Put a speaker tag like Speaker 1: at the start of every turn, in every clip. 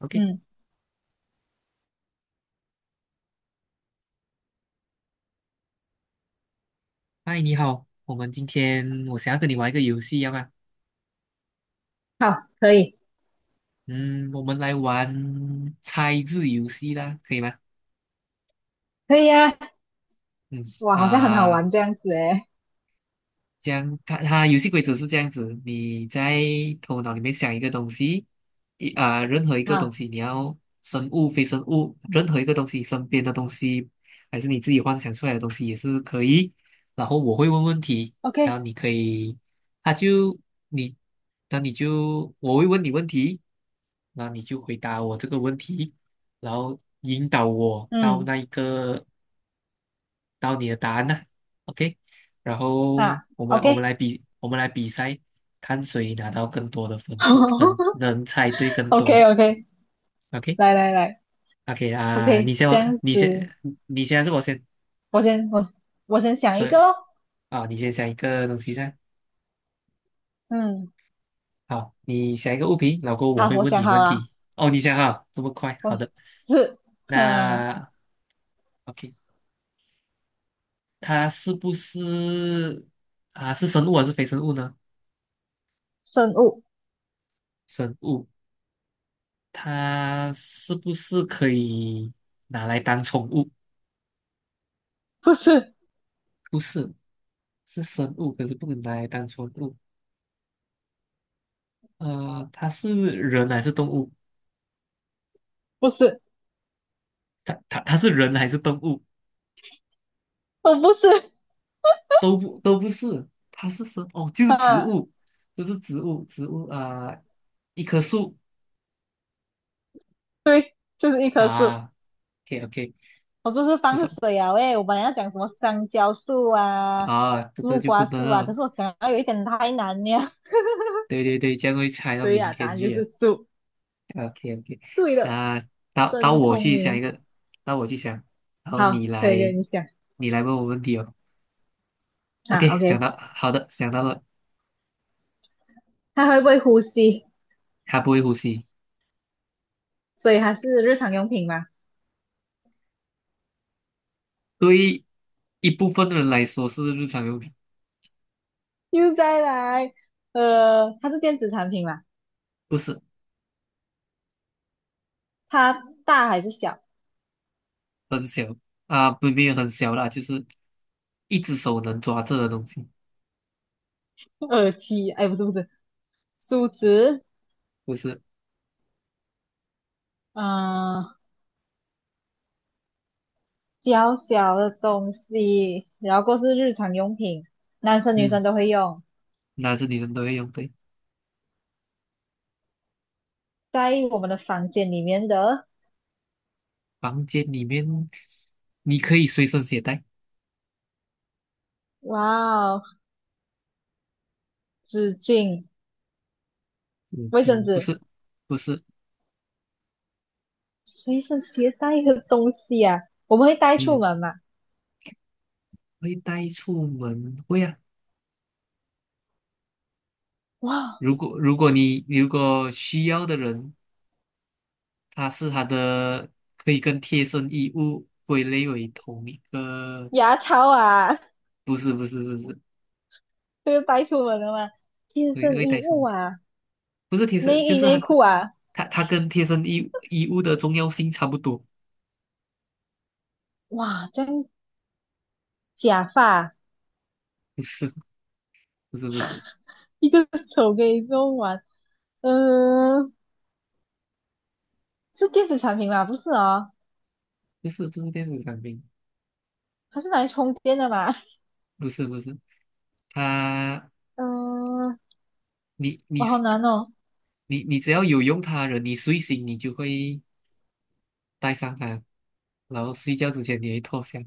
Speaker 1: OK，
Speaker 2: 嗯，
Speaker 1: 嗨，你好，我们今天我想要跟你玩一个游戏，要吗？
Speaker 2: 好，可以，
Speaker 1: 嗯，我们来玩猜字游戏啦，可以吗？
Speaker 2: 可以啊，
Speaker 1: 嗯
Speaker 2: 哇，好像很好
Speaker 1: 啊、
Speaker 2: 玩这样子诶。
Speaker 1: 这样它游戏规则是这样子，你在头脑里面想一个东西，任何一个东
Speaker 2: 好
Speaker 1: 西，你要生物、非生物，任何一个东西，身边的东西，还是你自己幻想出来的东西也是可以。然后我会问问题，然
Speaker 2: ，OK，
Speaker 1: 后你可以，他就你，那你就我会问你问题。那你就回答我这个问题，然后引导我到
Speaker 2: 嗯，
Speaker 1: 那一个到你的答案呢、OK，然后
Speaker 2: 啊
Speaker 1: 我们来比赛，看谁拿到更多的分数，能
Speaker 2: ，OK，o
Speaker 1: 能猜对
Speaker 2: k
Speaker 1: 更
Speaker 2: o k
Speaker 1: 多的。OK
Speaker 2: 来来来
Speaker 1: OK
Speaker 2: ，OK，这样
Speaker 1: 你
Speaker 2: 子，
Speaker 1: 先，你先还是我先？
Speaker 2: 我先我我先想一
Speaker 1: 所
Speaker 2: 个
Speaker 1: 以
Speaker 2: 咯。
Speaker 1: 啊、你先想一个东西噻。
Speaker 2: 嗯，
Speaker 1: 好，你想一个物品，老后过后我
Speaker 2: 好，
Speaker 1: 会
Speaker 2: 我
Speaker 1: 问
Speaker 2: 想
Speaker 1: 你
Speaker 2: 好
Speaker 1: 问
Speaker 2: 了，
Speaker 1: 题。哦，你想哈，这么快？
Speaker 2: 我
Speaker 1: 好的，
Speaker 2: 是，嗯，
Speaker 1: 那 OK。它是不是啊？是生物还是非生物呢？
Speaker 2: 生物，
Speaker 1: 生物，它是不是可以拿来当宠物？
Speaker 2: 不是，
Speaker 1: 不是，是生物，可是不能拿来当宠物。它是人还是动物？
Speaker 2: 不是，
Speaker 1: 它是人还是动物？
Speaker 2: 我不是，
Speaker 1: 都不是，它是生哦，就是植
Speaker 2: 啊，
Speaker 1: 物，就是植物，植物啊、一棵树。
Speaker 2: 对，就是一棵树。
Speaker 1: 啊，OK OK，
Speaker 2: 我说是
Speaker 1: 不
Speaker 2: 放
Speaker 1: 错
Speaker 2: 水啊，喂，我本来要讲什么香蕉树啊、
Speaker 1: 啊，这个
Speaker 2: 木
Speaker 1: 就不
Speaker 2: 瓜
Speaker 1: 能
Speaker 2: 树啊，可
Speaker 1: 了，
Speaker 2: 是我想要有一点太难了。
Speaker 1: 对对对，这样会猜到
Speaker 2: 对
Speaker 1: 明
Speaker 2: 呀、答
Speaker 1: 天
Speaker 2: 案就
Speaker 1: 去啊。
Speaker 2: 是鼠。
Speaker 1: OK OK，
Speaker 2: 对了，
Speaker 1: 那到
Speaker 2: 真
Speaker 1: 我
Speaker 2: 聪
Speaker 1: 去想一
Speaker 2: 明。
Speaker 1: 个，到我去想，然后你
Speaker 2: 好，
Speaker 1: 来，
Speaker 2: 可以跟你讲
Speaker 1: 你来问我问题哦。
Speaker 2: 啊。
Speaker 1: OK，想
Speaker 2: OK，
Speaker 1: 到，好的，想到了。
Speaker 2: 它会不会呼吸？
Speaker 1: 它不会呼吸，
Speaker 2: 所以它是日常用品嘛。
Speaker 1: 对于一部分人来说是日常用品，
Speaker 2: 又再来，它是电子产品嘛？
Speaker 1: 不是
Speaker 2: 它大还是小？
Speaker 1: 很小啊，不没有很小啦，就是一只手能抓着的东西，
Speaker 2: 耳机？哎，不是不是，梳子。
Speaker 1: 不是。
Speaker 2: 嗯、呃小小的东西，然后过是日常用品，男生女生
Speaker 1: 嗯，
Speaker 2: 都会用，
Speaker 1: 男生女生都会用，对，
Speaker 2: 在我们的房间里面的。
Speaker 1: 房间里面你可以随身携带，
Speaker 2: 哇哦，纸巾、
Speaker 1: 纸
Speaker 2: 卫生
Speaker 1: 巾，不
Speaker 2: 纸。
Speaker 1: 是，不是。
Speaker 2: 随身携带的东西啊，我们会带出
Speaker 1: 嗯，
Speaker 2: 门嘛？
Speaker 1: 会带出门，会啊。
Speaker 2: 哇，
Speaker 1: 如果你需要的人，他是他的可以跟贴身衣物归类为同一个，
Speaker 2: 牙套啊，
Speaker 1: 不是，
Speaker 2: 这个带出门的嘛，贴
Speaker 1: 会
Speaker 2: 身
Speaker 1: 会带
Speaker 2: 衣
Speaker 1: 什
Speaker 2: 物
Speaker 1: 么？
Speaker 2: 啊，
Speaker 1: 不是贴身，
Speaker 2: 内
Speaker 1: 就
Speaker 2: 衣
Speaker 1: 是他
Speaker 2: 内裤
Speaker 1: 跟
Speaker 2: 啊，
Speaker 1: 他他跟贴身衣物的重要性差不多，
Speaker 2: 哇，这样假发啊，
Speaker 1: 不是不是不是
Speaker 2: 一个手可以用完，嗯、呃，是电子产品吧？不是哦，
Speaker 1: 不是电子产品，
Speaker 2: 它是拿来充电的嘛？
Speaker 1: 不是不是，他。
Speaker 2: 嗯、呃
Speaker 1: 你你
Speaker 2: 我好
Speaker 1: 是
Speaker 2: 难哦，
Speaker 1: 你你只要有用它的人，你睡醒你就会带上它，然后睡觉之前你会脱下，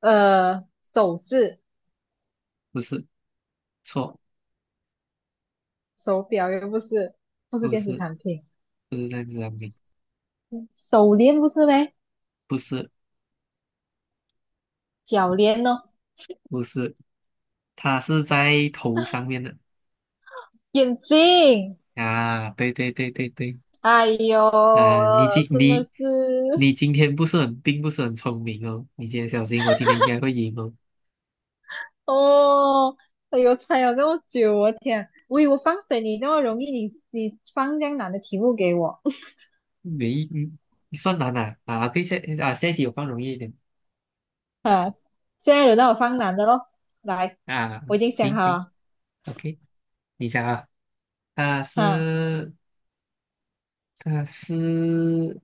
Speaker 2: 首饰、
Speaker 1: 不是。错，
Speaker 2: 手表又不是，不是
Speaker 1: 不
Speaker 2: 电子
Speaker 1: 是。
Speaker 2: 产品，
Speaker 1: 不是电子产品。
Speaker 2: 手链不是呗？
Speaker 1: 不是
Speaker 2: 脚链哦，
Speaker 1: 不是，它是在头上面的。
Speaker 2: 眼镜。
Speaker 1: 啊，对。
Speaker 2: 哎呦，
Speaker 1: 啊，
Speaker 2: 真的是
Speaker 1: 你今天不是很不是很聪明哦，你今天小心，我今天应该会赢哦，
Speaker 2: 哦，哎呦，猜了这么久，我天，我以为我放水你那么容易，你你放这样难的题目给我。
Speaker 1: 没嗯算难啊，可以下啊下一题我放容易一点
Speaker 2: 啊！现在轮到我放难的喽，来，
Speaker 1: 啊，
Speaker 2: 我已经想
Speaker 1: 行
Speaker 2: 好
Speaker 1: 行
Speaker 2: 了，
Speaker 1: ，OK，你想啊，啊
Speaker 2: 啊，
Speaker 1: 是啊是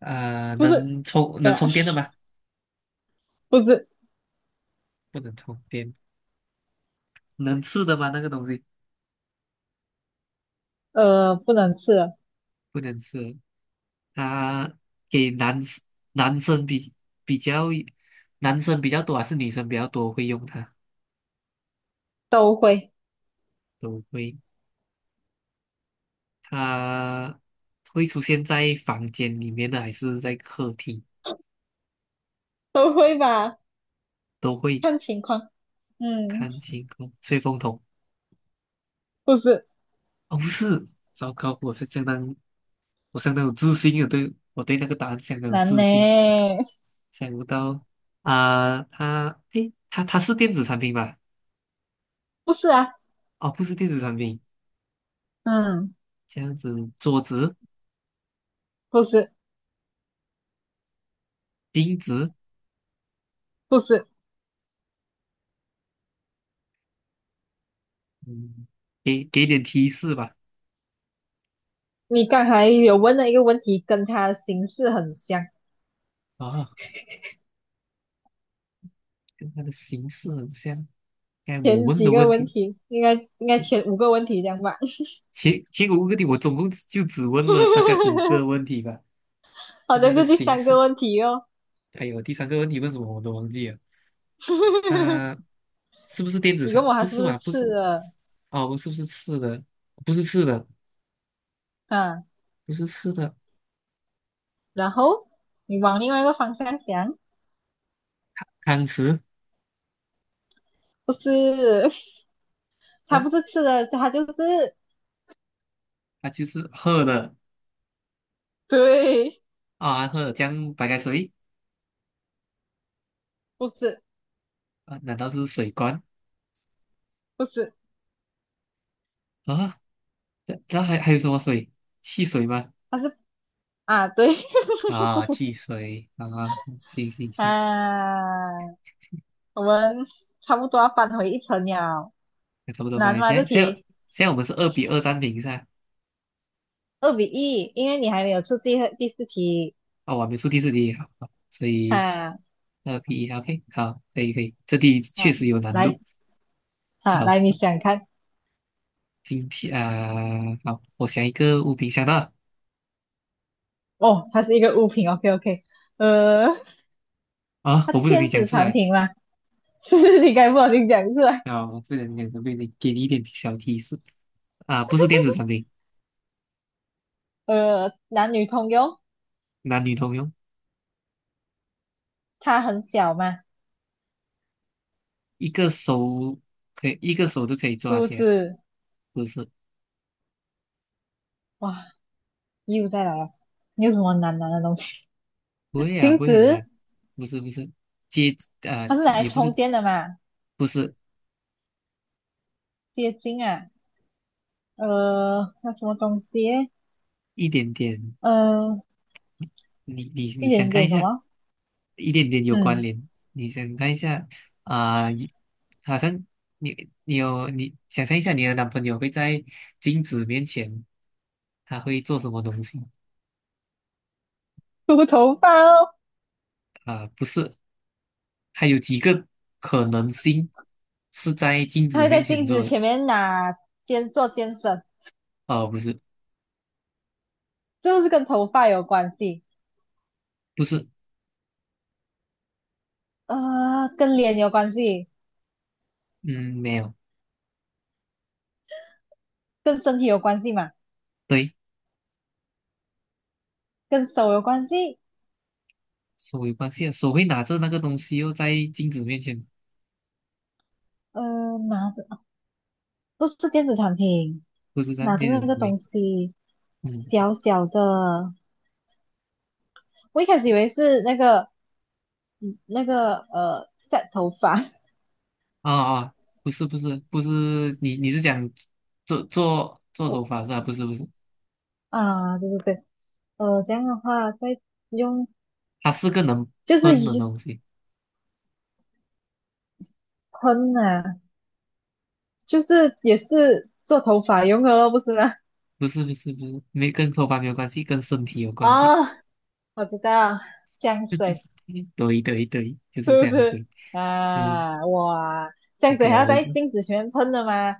Speaker 2: 不是，
Speaker 1: 能充
Speaker 2: 对
Speaker 1: 能
Speaker 2: 啊，
Speaker 1: 充电的吗？
Speaker 2: 不是，
Speaker 1: 不能充电，能吃的吗？那个东西
Speaker 2: 不能吃了，
Speaker 1: 不能吃。他给男生男生比比较男生比较多还是女生比较多会用它？
Speaker 2: 都会，
Speaker 1: 都会，它会出现在房间里面的还是在客厅？
Speaker 2: 都会吧，
Speaker 1: 都会。
Speaker 2: 看情况，嗯，
Speaker 1: 看星空吹风筒。
Speaker 2: 不是，
Speaker 1: 哦，不是，糟糕，我是相当，我相当有自信的，对，我对那个答案相当有
Speaker 2: 难
Speaker 1: 自
Speaker 2: 呢，
Speaker 1: 信。想不到啊，它，诶，它它是电子产品吧？
Speaker 2: 不是啊，
Speaker 1: 哦，不是电子产品，
Speaker 2: 嗯，
Speaker 1: 这样子，桌子、
Speaker 2: 不是，
Speaker 1: 钉子。
Speaker 2: 不是。
Speaker 1: 嗯，给点提示吧。
Speaker 2: 你刚才有问的一个问题跟他形式很像，
Speaker 1: 啊，跟它的形式很像。该我
Speaker 2: 前
Speaker 1: 问
Speaker 2: 几
Speaker 1: 的
Speaker 2: 个
Speaker 1: 问
Speaker 2: 问
Speaker 1: 题，
Speaker 2: 题应该
Speaker 1: 前
Speaker 2: 前五个问题这样吧？
Speaker 1: 前五个问题，我总共就只问了大概五 个问题吧。
Speaker 2: 好
Speaker 1: 跟它
Speaker 2: 像
Speaker 1: 的
Speaker 2: 是第
Speaker 1: 形
Speaker 2: 三个
Speaker 1: 式，
Speaker 2: 问题哦。
Speaker 1: 还有第三个问题问什么我都忘记了。它是不是电子
Speaker 2: 你问
Speaker 1: 厂？
Speaker 2: 我
Speaker 1: 不
Speaker 2: 他是
Speaker 1: 是
Speaker 2: 不是
Speaker 1: 吧？不是。
Speaker 2: 吃的？
Speaker 1: 哦，是不是吃的？不是吃的，
Speaker 2: 嗯，
Speaker 1: 不是吃的。
Speaker 2: 然后你往另外一个方向想，
Speaker 1: 汤匙，
Speaker 2: 不是，他
Speaker 1: 哦，
Speaker 2: 不是吃的，他就是
Speaker 1: 它就是喝的
Speaker 2: 对，
Speaker 1: 啊，喝的江白开水。
Speaker 2: 不是
Speaker 1: 啊？难道是水罐。
Speaker 2: 不是，
Speaker 1: 啊？那还有什么水？汽水吗？
Speaker 2: 他是啊对，
Speaker 1: 啊，汽水啊，行行
Speaker 2: 啊，
Speaker 1: 行，
Speaker 2: 我们差不多要返回一层了，
Speaker 1: 那差不多
Speaker 2: 难
Speaker 1: 吧。
Speaker 2: 吗这题？
Speaker 1: 现在我们是二比二停平噻，
Speaker 2: 2-1，因为你还没有出第二第四题。
Speaker 1: 啊，我还没出第四题，好，好所以
Speaker 2: 哈
Speaker 1: 二比一，OK，好，可以可以，这题确
Speaker 2: 哈，
Speaker 1: 实有难度。
Speaker 2: 来哈
Speaker 1: 好，
Speaker 2: 来，你想看
Speaker 1: 今天啊，好，我想一个物品，想到了。
Speaker 2: 哦？它是一个物品，OK OK。呃，
Speaker 1: 啊，
Speaker 2: 它
Speaker 1: 我
Speaker 2: 是
Speaker 1: 不小心
Speaker 2: 电
Speaker 1: 讲
Speaker 2: 子
Speaker 1: 出
Speaker 2: 产
Speaker 1: 来，
Speaker 2: 品吗？是你该不好听讲出来。
Speaker 1: 啊，我不小心讲出来，给你一点小提示啊，不是电子产品，
Speaker 2: 男女通用，
Speaker 1: 男女通用，
Speaker 2: 它很小嘛，
Speaker 1: 一个手可以一个手都可以抓
Speaker 2: 梳
Speaker 1: 起来，
Speaker 2: 子。
Speaker 1: 不是。
Speaker 2: 哇，又再来了，你有什么难拿的东西？
Speaker 1: 不会啊，
Speaker 2: 镜
Speaker 1: 不会很
Speaker 2: 子，
Speaker 1: 难，不是，接
Speaker 2: 它是拿来
Speaker 1: 也不是。
Speaker 2: 充电的嘛？
Speaker 1: 不是
Speaker 2: 接近啊，那什么东西？
Speaker 1: 一点点，
Speaker 2: 呃，
Speaker 1: 你
Speaker 2: 一
Speaker 1: 想
Speaker 2: 点
Speaker 1: 看一
Speaker 2: 点什
Speaker 1: 下，
Speaker 2: 么？
Speaker 1: 一点点有关
Speaker 2: 嗯，
Speaker 1: 联，你想看一下啊、你好像你想象一下你的男朋友会在镜子面前他会做什么东西。
Speaker 2: 梳头发哦。
Speaker 1: 不是，还有几个可能性是在镜
Speaker 2: 他
Speaker 1: 子
Speaker 2: 会
Speaker 1: 面
Speaker 2: 在
Speaker 1: 前
Speaker 2: 镜子
Speaker 1: 做的，
Speaker 2: 前面拿肩做肩绳，
Speaker 1: 哦、不是
Speaker 2: 就是跟头发有关系，
Speaker 1: 不是。
Speaker 2: 跟脸有关系，
Speaker 1: 嗯，没有，
Speaker 2: 跟身体有关系嘛，
Speaker 1: 对。
Speaker 2: 跟手有关系，
Speaker 1: 手有关系啊，手会拿着那个东西又在镜子面前，
Speaker 2: 拿着不是电子产品，
Speaker 1: 不是这样，
Speaker 2: 拿着那
Speaker 1: 镜子
Speaker 2: 个
Speaker 1: 面。
Speaker 2: 东西，
Speaker 1: 嗯，
Speaker 2: 小小的，我一开始以为是那个嗯那个set 头发，
Speaker 1: 啊啊，不是，你是讲做
Speaker 2: 我
Speaker 1: 头发是吧？不是不是，
Speaker 2: 啊，对对对，这样的话再用
Speaker 1: 它是个能
Speaker 2: 就是
Speaker 1: 喷的
Speaker 2: 一
Speaker 1: 东西。
Speaker 2: 喷啊，就是也是做头发用的咯，不是吗？
Speaker 1: 不是不是不是，没跟头发没有关系，跟身体有关系。
Speaker 2: 哦，我知道，香水
Speaker 1: 嗯,对 对对，就是这
Speaker 2: 是不
Speaker 1: 样水。
Speaker 2: 是
Speaker 1: 嗯
Speaker 2: 啊？哇，香水
Speaker 1: ，OK
Speaker 2: 还
Speaker 1: 啊，
Speaker 2: 要
Speaker 1: 我
Speaker 2: 在
Speaker 1: 是，
Speaker 2: 镜子前面喷的吗？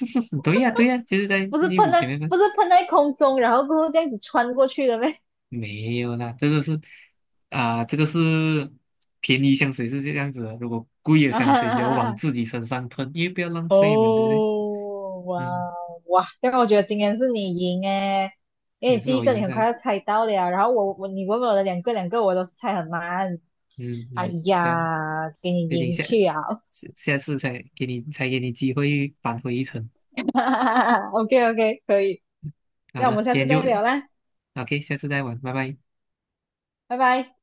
Speaker 1: 对呀、对呀、就是在
Speaker 2: 不是
Speaker 1: 镜
Speaker 2: 喷
Speaker 1: 子
Speaker 2: 在，
Speaker 1: 前面喷。
Speaker 2: 不是 喷在空中，然后过后这样子穿过去的咩？
Speaker 1: 没有啦，这个是便宜香水是这样子的，如果贵的 香水就要往
Speaker 2: 啊，
Speaker 1: 自己身上喷，因为不要浪费嘛，对不对？
Speaker 2: 哦，哇
Speaker 1: 嗯，
Speaker 2: 哇，这个我觉得今天是你赢诶，因为
Speaker 1: 也是
Speaker 2: 第一
Speaker 1: 我
Speaker 2: 个你
Speaker 1: 赢
Speaker 2: 很快
Speaker 1: 噻，
Speaker 2: 要猜到了，然后我你问我的两个我都是猜很慢，
Speaker 1: 嗯
Speaker 2: 哎
Speaker 1: 嗯，这样，
Speaker 2: 呀，给你
Speaker 1: 毕竟
Speaker 2: 赢去啊
Speaker 1: 下次才给你机会扳回一城。
Speaker 2: ，OK OK，可以，
Speaker 1: 好
Speaker 2: 那我
Speaker 1: 的，
Speaker 2: 们下
Speaker 1: 今
Speaker 2: 次
Speaker 1: 天
Speaker 2: 再
Speaker 1: 就
Speaker 2: 聊啦，
Speaker 1: OK，下次再玩，拜拜。
Speaker 2: 拜拜。